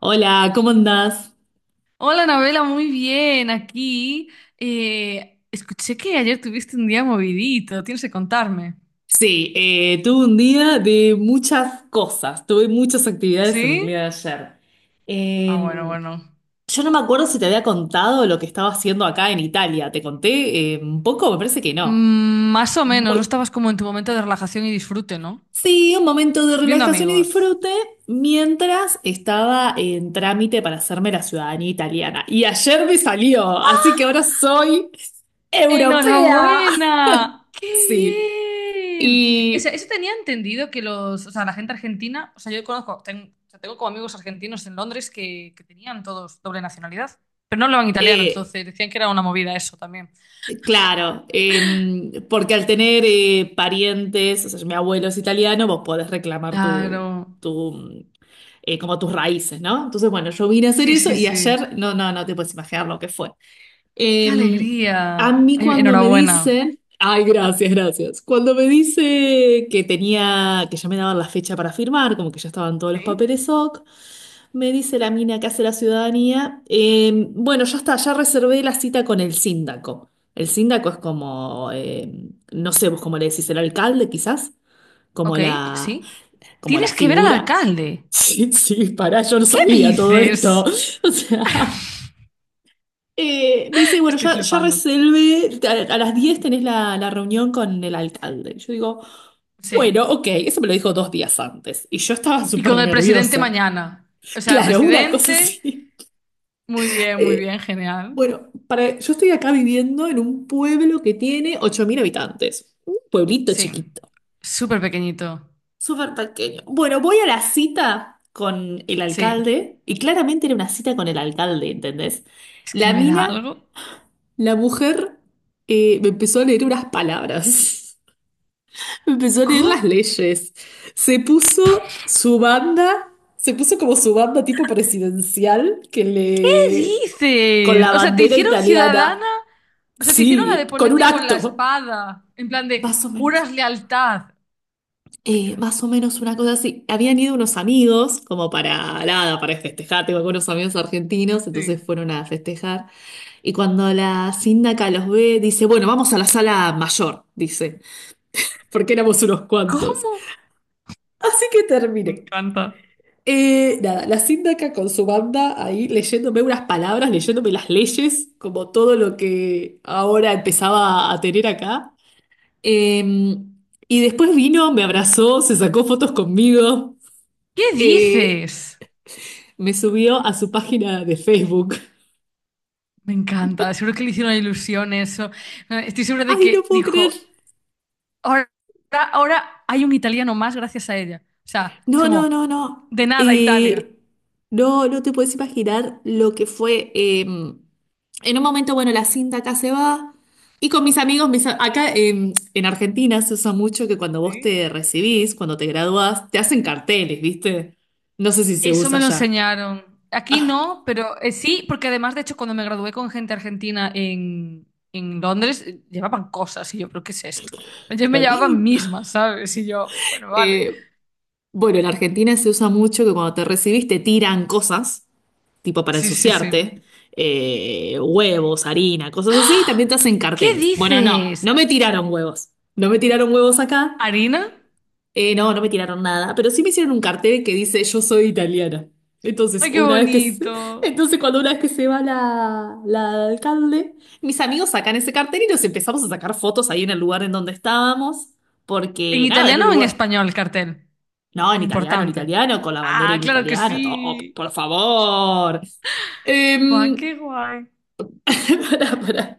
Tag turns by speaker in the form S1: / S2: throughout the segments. S1: Hola, ¿cómo andás?
S2: Hola, Anabela, muy bien, aquí. Escuché que ayer tuviste un día movidito, tienes que contarme.
S1: Sí, tuve un día de muchas cosas, tuve muchas actividades en el día de
S2: ¿Sí?
S1: ayer.
S2: Ah, bueno,
S1: Eh,
S2: bueno.
S1: yo no me acuerdo si te había contado lo que estaba haciendo acá en Italia, ¿te conté un poco? Me parece que no.
S2: Mm, más o menos, no
S1: Muy-
S2: estabas como en tu momento de relajación y disfrute, ¿no?
S1: Sí, un momento de
S2: Viendo
S1: relajación y
S2: amigos.
S1: disfrute mientras estaba en trámite para hacerme la ciudadanía italiana. Y ayer me salió, así que ahora soy europea.
S2: ¡Enhorabuena! ¡Qué
S1: Sí.
S2: bien! O sea,
S1: Y
S2: eso tenía entendido que los, la gente argentina, o sea, yo conozco, tengo como amigos argentinos en Londres que tenían todos doble nacionalidad, pero no hablaban italiano,
S1: eh,
S2: entonces decían que era una movida eso también.
S1: claro, porque al tener parientes, o sea, mi abuelo es italiano, vos podés reclamar
S2: Claro.
S1: tu, mm, como tus raíces, ¿no? Entonces, bueno, yo vine a hacer
S2: Sí,
S1: eso
S2: sí,
S1: y
S2: sí.
S1: ayer, no, no, no te puedes imaginar lo que fue.
S2: ¡Qué
S1: Em, a
S2: alegría!
S1: mí
S2: Ay,
S1: cuando me
S2: enhorabuena.
S1: dicen, ay, gracias, gracias, cuando me dice que tenía, que ya me daban la fecha para firmar, como que ya estaban todos los
S2: ¿Sí?
S1: papeles OK, me dice la mina que hace la ciudadanía. Bueno, ya está, ya reservé la cita con el síndaco. El síndaco es como, no sé, vos cómo le decís, el alcalde quizás, como
S2: Ok,
S1: la,
S2: sí.
S1: como la
S2: Tienes que ver al
S1: figura.
S2: alcalde.
S1: Sí, sí, pará, yo no
S2: ¿Qué
S1: sabía todo esto.
S2: dices?
S1: O sea, me dice, bueno,
S2: Estoy
S1: ya
S2: flipando.
S1: reservé, a las 10 tenés la reunión con el alcalde. Yo digo, bueno,
S2: Sí.
S1: ok, eso me lo dijo 2 días antes. Y yo estaba
S2: Y con
S1: súper
S2: el presidente
S1: nerviosa.
S2: mañana. O sea, el
S1: Claro, una cosa
S2: presidente.
S1: así.
S2: Muy bien, genial.
S1: Bueno, para, yo estoy acá viviendo en un pueblo que tiene 8.000 habitantes. Un pueblito
S2: Sí.
S1: chiquito,
S2: Súper pequeñito.
S1: súper pequeño. Bueno, voy a la cita con el
S2: Sí.
S1: alcalde y claramente era una cita con el alcalde, ¿entendés?
S2: Es que
S1: La
S2: me da
S1: mina,
S2: algo.
S1: la mujer, me empezó a leer unas palabras. Me empezó a leer
S2: ¿Cómo?
S1: las leyes. Se puso su banda, se puso como su banda tipo presidencial que
S2: ¿Qué
S1: le... con la
S2: dices? O sea, te
S1: bandera
S2: hicieron ciudadana.
S1: italiana.
S2: O sea, te hicieron la
S1: Sí,
S2: de
S1: con un
S2: ponerte con la
S1: acto.
S2: espada. En plan de
S1: Más o menos.
S2: juras lealtad.
S1: Más o menos una cosa así. Habían ido unos amigos, como para nada, para festejar. Tengo algunos amigos argentinos, entonces
S2: Sí.
S1: fueron a festejar. Y cuando la síndaca los ve, dice: Bueno, vamos a la sala mayor, dice, porque éramos unos cuantos.
S2: ¿Cómo?
S1: Así que
S2: Me
S1: terminé.
S2: encanta.
S1: Nada, la síndaca con su banda ahí leyéndome unas palabras, leyéndome las leyes, como todo lo que ahora empezaba a tener acá. Em, y después vino, me abrazó, se sacó fotos conmigo.
S2: ¿Qué
S1: Eh,
S2: dices?
S1: Me subió a su página de Facebook.
S2: Me encanta, seguro que le hicieron ilusión eso. Estoy segura de
S1: Ay, no
S2: que
S1: puedo creer.
S2: dijo, ahora, ahora hay un italiano más gracias a ella. O sea, es
S1: No, no,
S2: como,
S1: no, no.
S2: de nada Italia.
S1: No, no te puedes imaginar lo que fue. En un momento, bueno, la cinta acá se va. Y con mis amigos, acá en Argentina se usa mucho que cuando vos
S2: Sí.
S1: te recibís, cuando te graduás, te hacen carteles, ¿viste? No sé si se
S2: Eso
S1: usa
S2: me lo
S1: ya.
S2: enseñaron. Aquí no, pero sí, porque además, de hecho, cuando me gradué con gente argentina en Londres, llevaban cosas y yo, ¿pero qué es esto? Yo me
S1: Claro.
S2: llevaban mismas, ¿sabes? Y yo, bueno, vale.
S1: Eh, Bueno, en Argentina se usa mucho que cuando te recibís te tiran cosas, tipo para
S2: Sí, sí, sí.
S1: ensuciarte, huevos, harina, cosas así, y también te hacen
S2: ¿Qué
S1: carteles. Bueno, no,
S2: dices?
S1: no me tiraron huevos. No me tiraron huevos acá.
S2: ¿Harina?
S1: No, no me tiraron nada, pero sí me hicieron un cartel que dice yo soy italiana. Entonces,
S2: ¡Ay, qué
S1: una vez que se-
S2: bonito!
S1: entonces cuando una vez que se va la alcalde, mis amigos sacan ese cartel y nos empezamos a sacar fotos ahí en el lugar en donde estábamos,
S2: ¿En
S1: porque nada, era
S2: italiano
S1: un
S2: o en
S1: lugar.
S2: español el cartel?
S1: No,
S2: Muy
S1: en
S2: importante.
S1: italiano, con la bandera
S2: Ah,
S1: en
S2: claro que sí.
S1: italiano, todo, por favor.
S2: Va,
S1: Em,
S2: qué guay.
S1: pará, pará.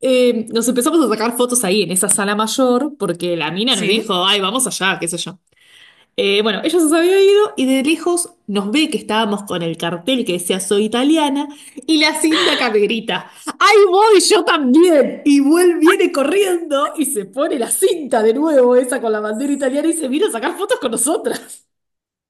S1: Nos empezamos a sacar fotos ahí en esa sala mayor porque la mina nos
S2: Sí,
S1: dijo, ay, vamos allá, qué sé yo. Bueno, ella se había ido y de lejos nos ve que estábamos con el cartel que decía soy italiana y la cinta que me grita, ¡ay, voy yo también! Y vuelve, viene corriendo y se pone la cinta de nuevo, esa con la bandera italiana y se vino a sacar fotos con nosotras.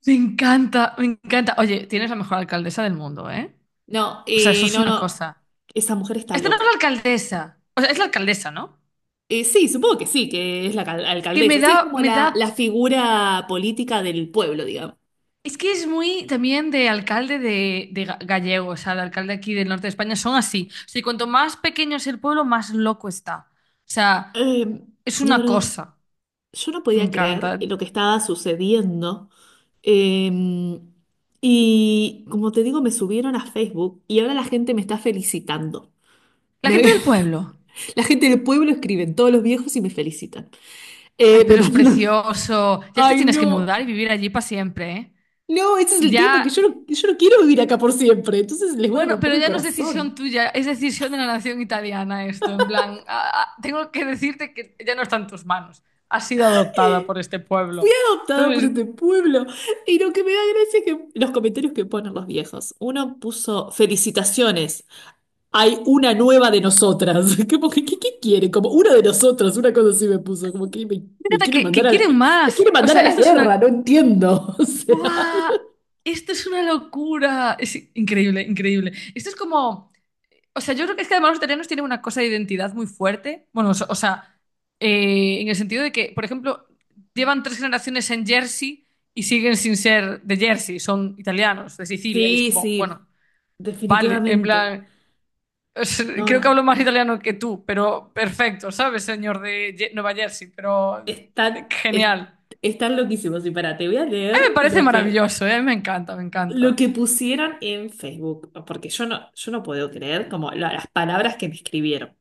S2: me encanta, me encanta. Oye, tienes la mejor alcaldesa del mundo, ¿eh?
S1: No,
S2: O sea, eso es
S1: no,
S2: una
S1: no,
S2: cosa.
S1: esa mujer está
S2: Esta no es la
S1: loca.
S2: alcaldesa. O sea, es la alcaldesa, ¿no?
S1: Sí, supongo que sí, que es la
S2: Es que me
S1: alcaldesa. Sí,
S2: da,
S1: es como
S2: me da.
S1: la figura política del pueblo, digamos.
S2: Es que es muy también de alcalde de gallego, o sea, el alcalde aquí del norte de España son así. O sea, y cuanto más pequeño es el pueblo, más loco está. O sea,
S1: Eh,
S2: es
S1: no,
S2: una
S1: no,
S2: cosa.
S1: yo no
S2: Me
S1: podía creer
S2: encanta.
S1: lo que estaba sucediendo. Eh, y como te digo, me subieron a Facebook y ahora la gente me está felicitando.
S2: La
S1: Me-
S2: gente del pueblo.
S1: la gente del pueblo escriben, todos los viejos y me felicitan.
S2: Ay,
S1: Eh, me
S2: pero es
S1: mandan-
S2: precioso. Ya te
S1: Ay,
S2: tienes que mudar
S1: no.
S2: y vivir allí para siempre, ¿eh?
S1: No, ese es el tema, que yo
S2: Ya,
S1: no, yo no quiero vivir acá por siempre, entonces les voy a
S2: bueno,
S1: romper
S2: pero
S1: el
S2: ya no es decisión
S1: corazón.
S2: tuya, es decisión de la nación italiana esto. En plan, ah, ah, tengo que decirte que ya no está en tus manos. Has sido adoptada
S1: Eh,
S2: por este
S1: He
S2: pueblo.
S1: adoptado por
S2: ¿Sabes?
S1: este pueblo. Y lo que me da gracia es que los comentarios que ponen los viejos. Uno puso, felicitaciones, hay una nueva de nosotras. Como que, ¿qué quiere? Como una de nosotras, una cosa así me puso, como que me
S2: Fíjate
S1: quiere
S2: que
S1: mandar
S2: quieren
S1: al, me
S2: más.
S1: quiere
S2: O
S1: mandar a
S2: sea,
S1: la
S2: esto es
S1: guerra,
S2: una...
S1: no entiendo. O sea.
S2: ¡Buah! Esto es una locura. Es increíble, increíble. Esto es como... O sea, yo creo que es que además los italianos tienen una cosa de identidad muy fuerte. Bueno, o sea, en el sentido de que, por ejemplo, llevan tres generaciones en Jersey y siguen sin ser de Jersey, son italianos, de Sicilia, y es
S1: Sí,
S2: como, bueno,
S1: sí,
S2: vale, en
S1: definitivamente.
S2: plan,
S1: No,
S2: creo que hablo
S1: no.
S2: más italiano que tú, pero perfecto, ¿sabes, señor de Nueva Jersey? Pero
S1: Están,
S2: genial.
S1: están loquísimos. Y para, te voy a leer
S2: Me parece
S1: lo que,
S2: maravilloso, ¿eh? Me encanta, me
S1: lo que
S2: encanta.
S1: pusieron en Facebook, porque yo no puedo creer como las palabras que me escribieron.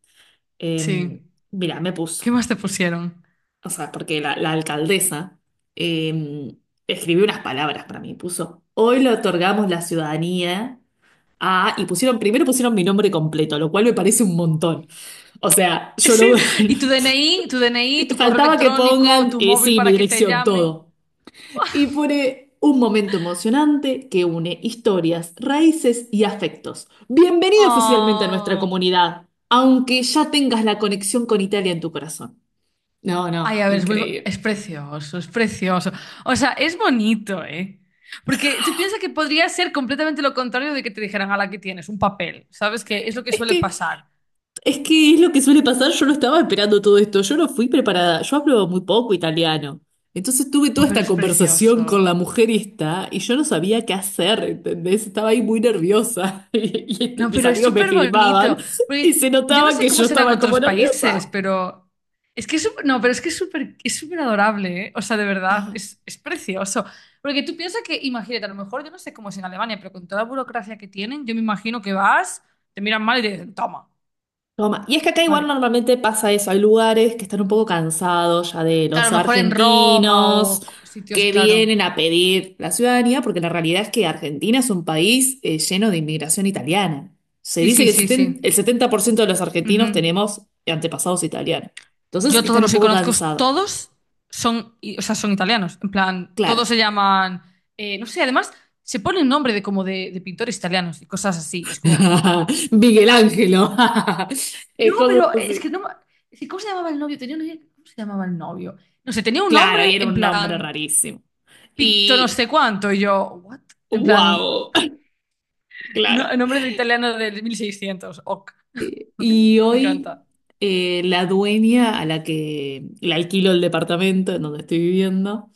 S1: Eh,
S2: Sí.
S1: Mira, me puso,
S2: ¿Qué más te pusieron?
S1: o sea, porque la alcaldesa eh, escribió unas palabras para mí, puso, hoy le otorgamos la ciudadanía a, y pusieron, primero pusieron mi nombre completo, lo cual me parece un montón. O sea, yo no...
S2: Sí, y tu DNI, tu DNI, tu correo
S1: Faltaba que
S2: electrónico,
S1: pongan,
S2: tu móvil
S1: sí, mi
S2: para que te
S1: dirección,
S2: llamen.
S1: todo. Y pone un momento emocionante que une historias, raíces y afectos. Bienvenido oficialmente a nuestra
S2: Oh.
S1: comunidad, aunque ya tengas la conexión con Italia en tu corazón. No,
S2: Ay,
S1: no,
S2: a ver, es muy, es
S1: increíble.
S2: precioso, es precioso. O sea, es bonito, ¿eh? Porque tú piensas que podría ser completamente lo contrario de que te dijeran, a la que tienes, un papel. ¿Sabes? Que es lo que
S1: Es
S2: suele
S1: que,
S2: pasar.
S1: es que es lo que suele pasar, yo no estaba esperando todo esto, yo no fui preparada, yo hablo muy poco italiano. Entonces tuve
S2: Oh,
S1: toda
S2: pero
S1: esta
S2: es
S1: conversación con
S2: precioso.
S1: la mujer esta y yo no sabía qué hacer, ¿entendés? Estaba ahí muy nerviosa y este,
S2: No,
S1: mis
S2: pero es
S1: amigos me
S2: súper
S1: filmaban
S2: bonito.
S1: y
S2: Porque
S1: se
S2: yo no
S1: notaba
S2: sé
S1: que
S2: cómo
S1: yo
S2: serán
S1: estaba como
S2: otros países,
S1: nerviosa.
S2: pero es que es súper, no, pero es que es súper adorable, ¿eh? O sea, de verdad,
S1: Ajá.
S2: es precioso. Porque tú piensas que, imagínate, a lo mejor yo no sé cómo es en Alemania, pero con toda la burocracia que tienen, yo me imagino que vas, te miran mal y te dicen, toma.
S1: Toma. Y
S2: Y
S1: es que
S2: tú,
S1: acá igual
S2: vale.
S1: normalmente pasa eso, hay lugares que están un poco cansados ya de
S2: Claro,
S1: los
S2: a lo mejor en Roma
S1: argentinos
S2: o sitios,
S1: que
S2: claro.
S1: vienen a pedir la ciudadanía, porque la realidad es que Argentina es un país lleno de inmigración italiana. Se
S2: Sí,
S1: dice
S2: sí,
S1: que el
S2: sí,
S1: 70,
S2: sí.
S1: el 70% de los argentinos
S2: Ujú.
S1: tenemos antepasados italianos. Entonces
S2: Yo todos
S1: están un
S2: los que
S1: poco
S2: conozco,
S1: cansados,
S2: todos son, son italianos. En plan,
S1: claro.
S2: todos se llaman, no sé, además se pone el nombre de como de pintores italianos y cosas así. Y es como,
S1: Miguel Ángelo.
S2: no,
S1: Cosas
S2: pero es que
S1: así.
S2: no, es que ¿cómo se llamaba el novio? Tenía una idea, ¿cómo se llamaba el novio? No sé, tenía un
S1: Claro,
S2: nombre
S1: y era
S2: en
S1: un nombre
S2: plan,
S1: rarísimo.
S2: Picto no
S1: Y
S2: sé cuánto. Y yo, ¿what? En plan,
S1: wow. Claro.
S2: no, el nombre de italiano del mil seiscientos. Ok.
S1: Y
S2: Me
S1: hoy
S2: encanta.
S1: la dueña a la que le alquilo el departamento en donde estoy viviendo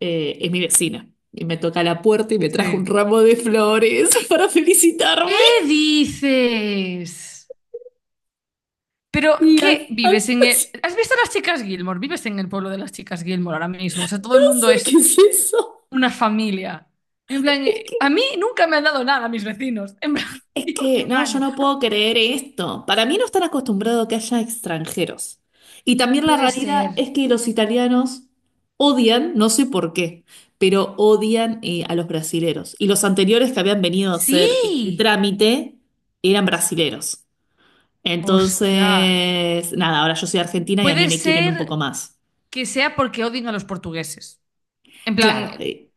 S1: es mi vecina. Y me toca la puerta y me trajo un
S2: Sí.
S1: ramo de flores para felicitarme.
S2: ¿Qué dices? Pero,
S1: Y as-
S2: ¿qué vives en el...
S1: as-
S2: ¿Has visto las chicas Gilmore? Vives en el pueblo de las chicas Gilmore ahora mismo. O sea, todo
S1: no
S2: el mundo
S1: sé qué
S2: es
S1: es eso.
S2: una familia. En plan, a mí nunca me han dado nada mis vecinos. En plan,
S1: Es
S2: digo que
S1: que
S2: un
S1: no, yo
S2: año.
S1: no puedo creer esto. Para mí no están acostumbrados a que haya extranjeros. Y también la
S2: Puede
S1: realidad
S2: ser.
S1: es que los italianos odian, no sé por qué, pero odian a los brasileros. Y los anteriores que habían venido a hacer este
S2: Sí.
S1: trámite eran brasileros.
S2: Hostia.
S1: Entonces, nada, ahora yo soy argentina y a mí
S2: Puede
S1: me quieren un poco
S2: ser
S1: más.
S2: que sea porque odien a los portugueses. En
S1: Claro,
S2: plan,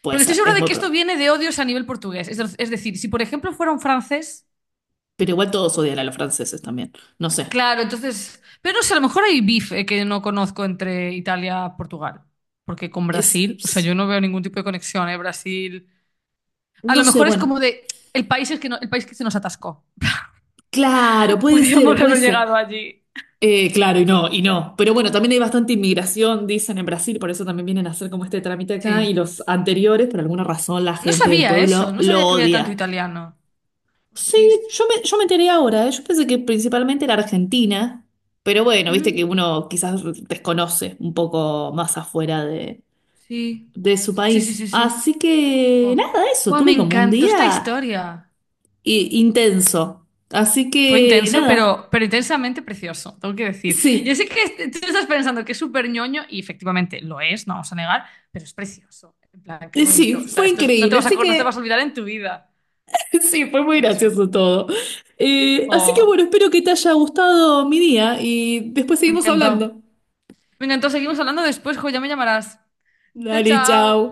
S1: puede
S2: porque estoy
S1: ser,
S2: segura
S1: es
S2: de
S1: muy
S2: que esto
S1: probable.
S2: viene de odios a nivel portugués. Es decir, si por ejemplo fuera un francés...
S1: Pero igual todos odian a los franceses también. No sé.
S2: Claro, entonces, pero no sé, a lo mejor hay bife que no conozco entre Italia y Portugal, porque con
S1: Es,
S2: Brasil, o sea, yo no veo ningún tipo de conexión, ¿eh? Brasil, a
S1: no
S2: lo
S1: sé,
S2: mejor es como
S1: bueno.
S2: de el país es que no, el país que se nos atascó.
S1: Claro, puede ser,
S2: Podíamos
S1: puede
S2: haber
S1: ser.
S2: llegado allí.
S1: Claro, y no, y no. Pero bueno, también hay bastante inmigración, dicen en Brasil, por eso también vienen a hacer como este trámite acá. Y
S2: Sí.
S1: los anteriores, por alguna razón, la
S2: No
S1: gente del
S2: sabía eso,
S1: pueblo
S2: no
S1: lo
S2: sabía que había tanto
S1: odia.
S2: italiano.
S1: Sí,
S2: Hostis.
S1: yo me enteré ahora, ¿eh? Yo pensé que principalmente era Argentina, pero bueno,
S2: Ujú.
S1: viste que uno quizás desconoce un poco más afuera
S2: Sí.
S1: de su
S2: Sí, sí,
S1: país.
S2: sí, sí.
S1: Así que
S2: Oh.
S1: nada, eso,
S2: Buah, me
S1: tuve como un
S2: encantó esta
S1: día
S2: historia.
S1: intenso. Así
S2: Fue
S1: que
S2: intenso,
S1: nada,
S2: pero intensamente precioso, tengo que decir. Yo
S1: sí.
S2: sé que tú estás pensando que es súper ñoño y efectivamente lo es, no vamos a negar, pero es precioso. En plan, qué
S1: Y
S2: bonito. O
S1: sí,
S2: sea,
S1: fue
S2: no te
S1: increíble,
S2: vas a,
S1: así
S2: no te vas
S1: que
S2: a olvidar en tu vida.
S1: sí, fue muy
S2: Qué chulo.
S1: gracioso todo. Así que
S2: Oh,
S1: bueno, espero que te haya gustado mi día y después
S2: me
S1: seguimos
S2: encantó.
S1: hablando.
S2: Me encantó. Seguimos hablando después, jo, ya me llamarás. Chao,
S1: Dale, chao.
S2: chao.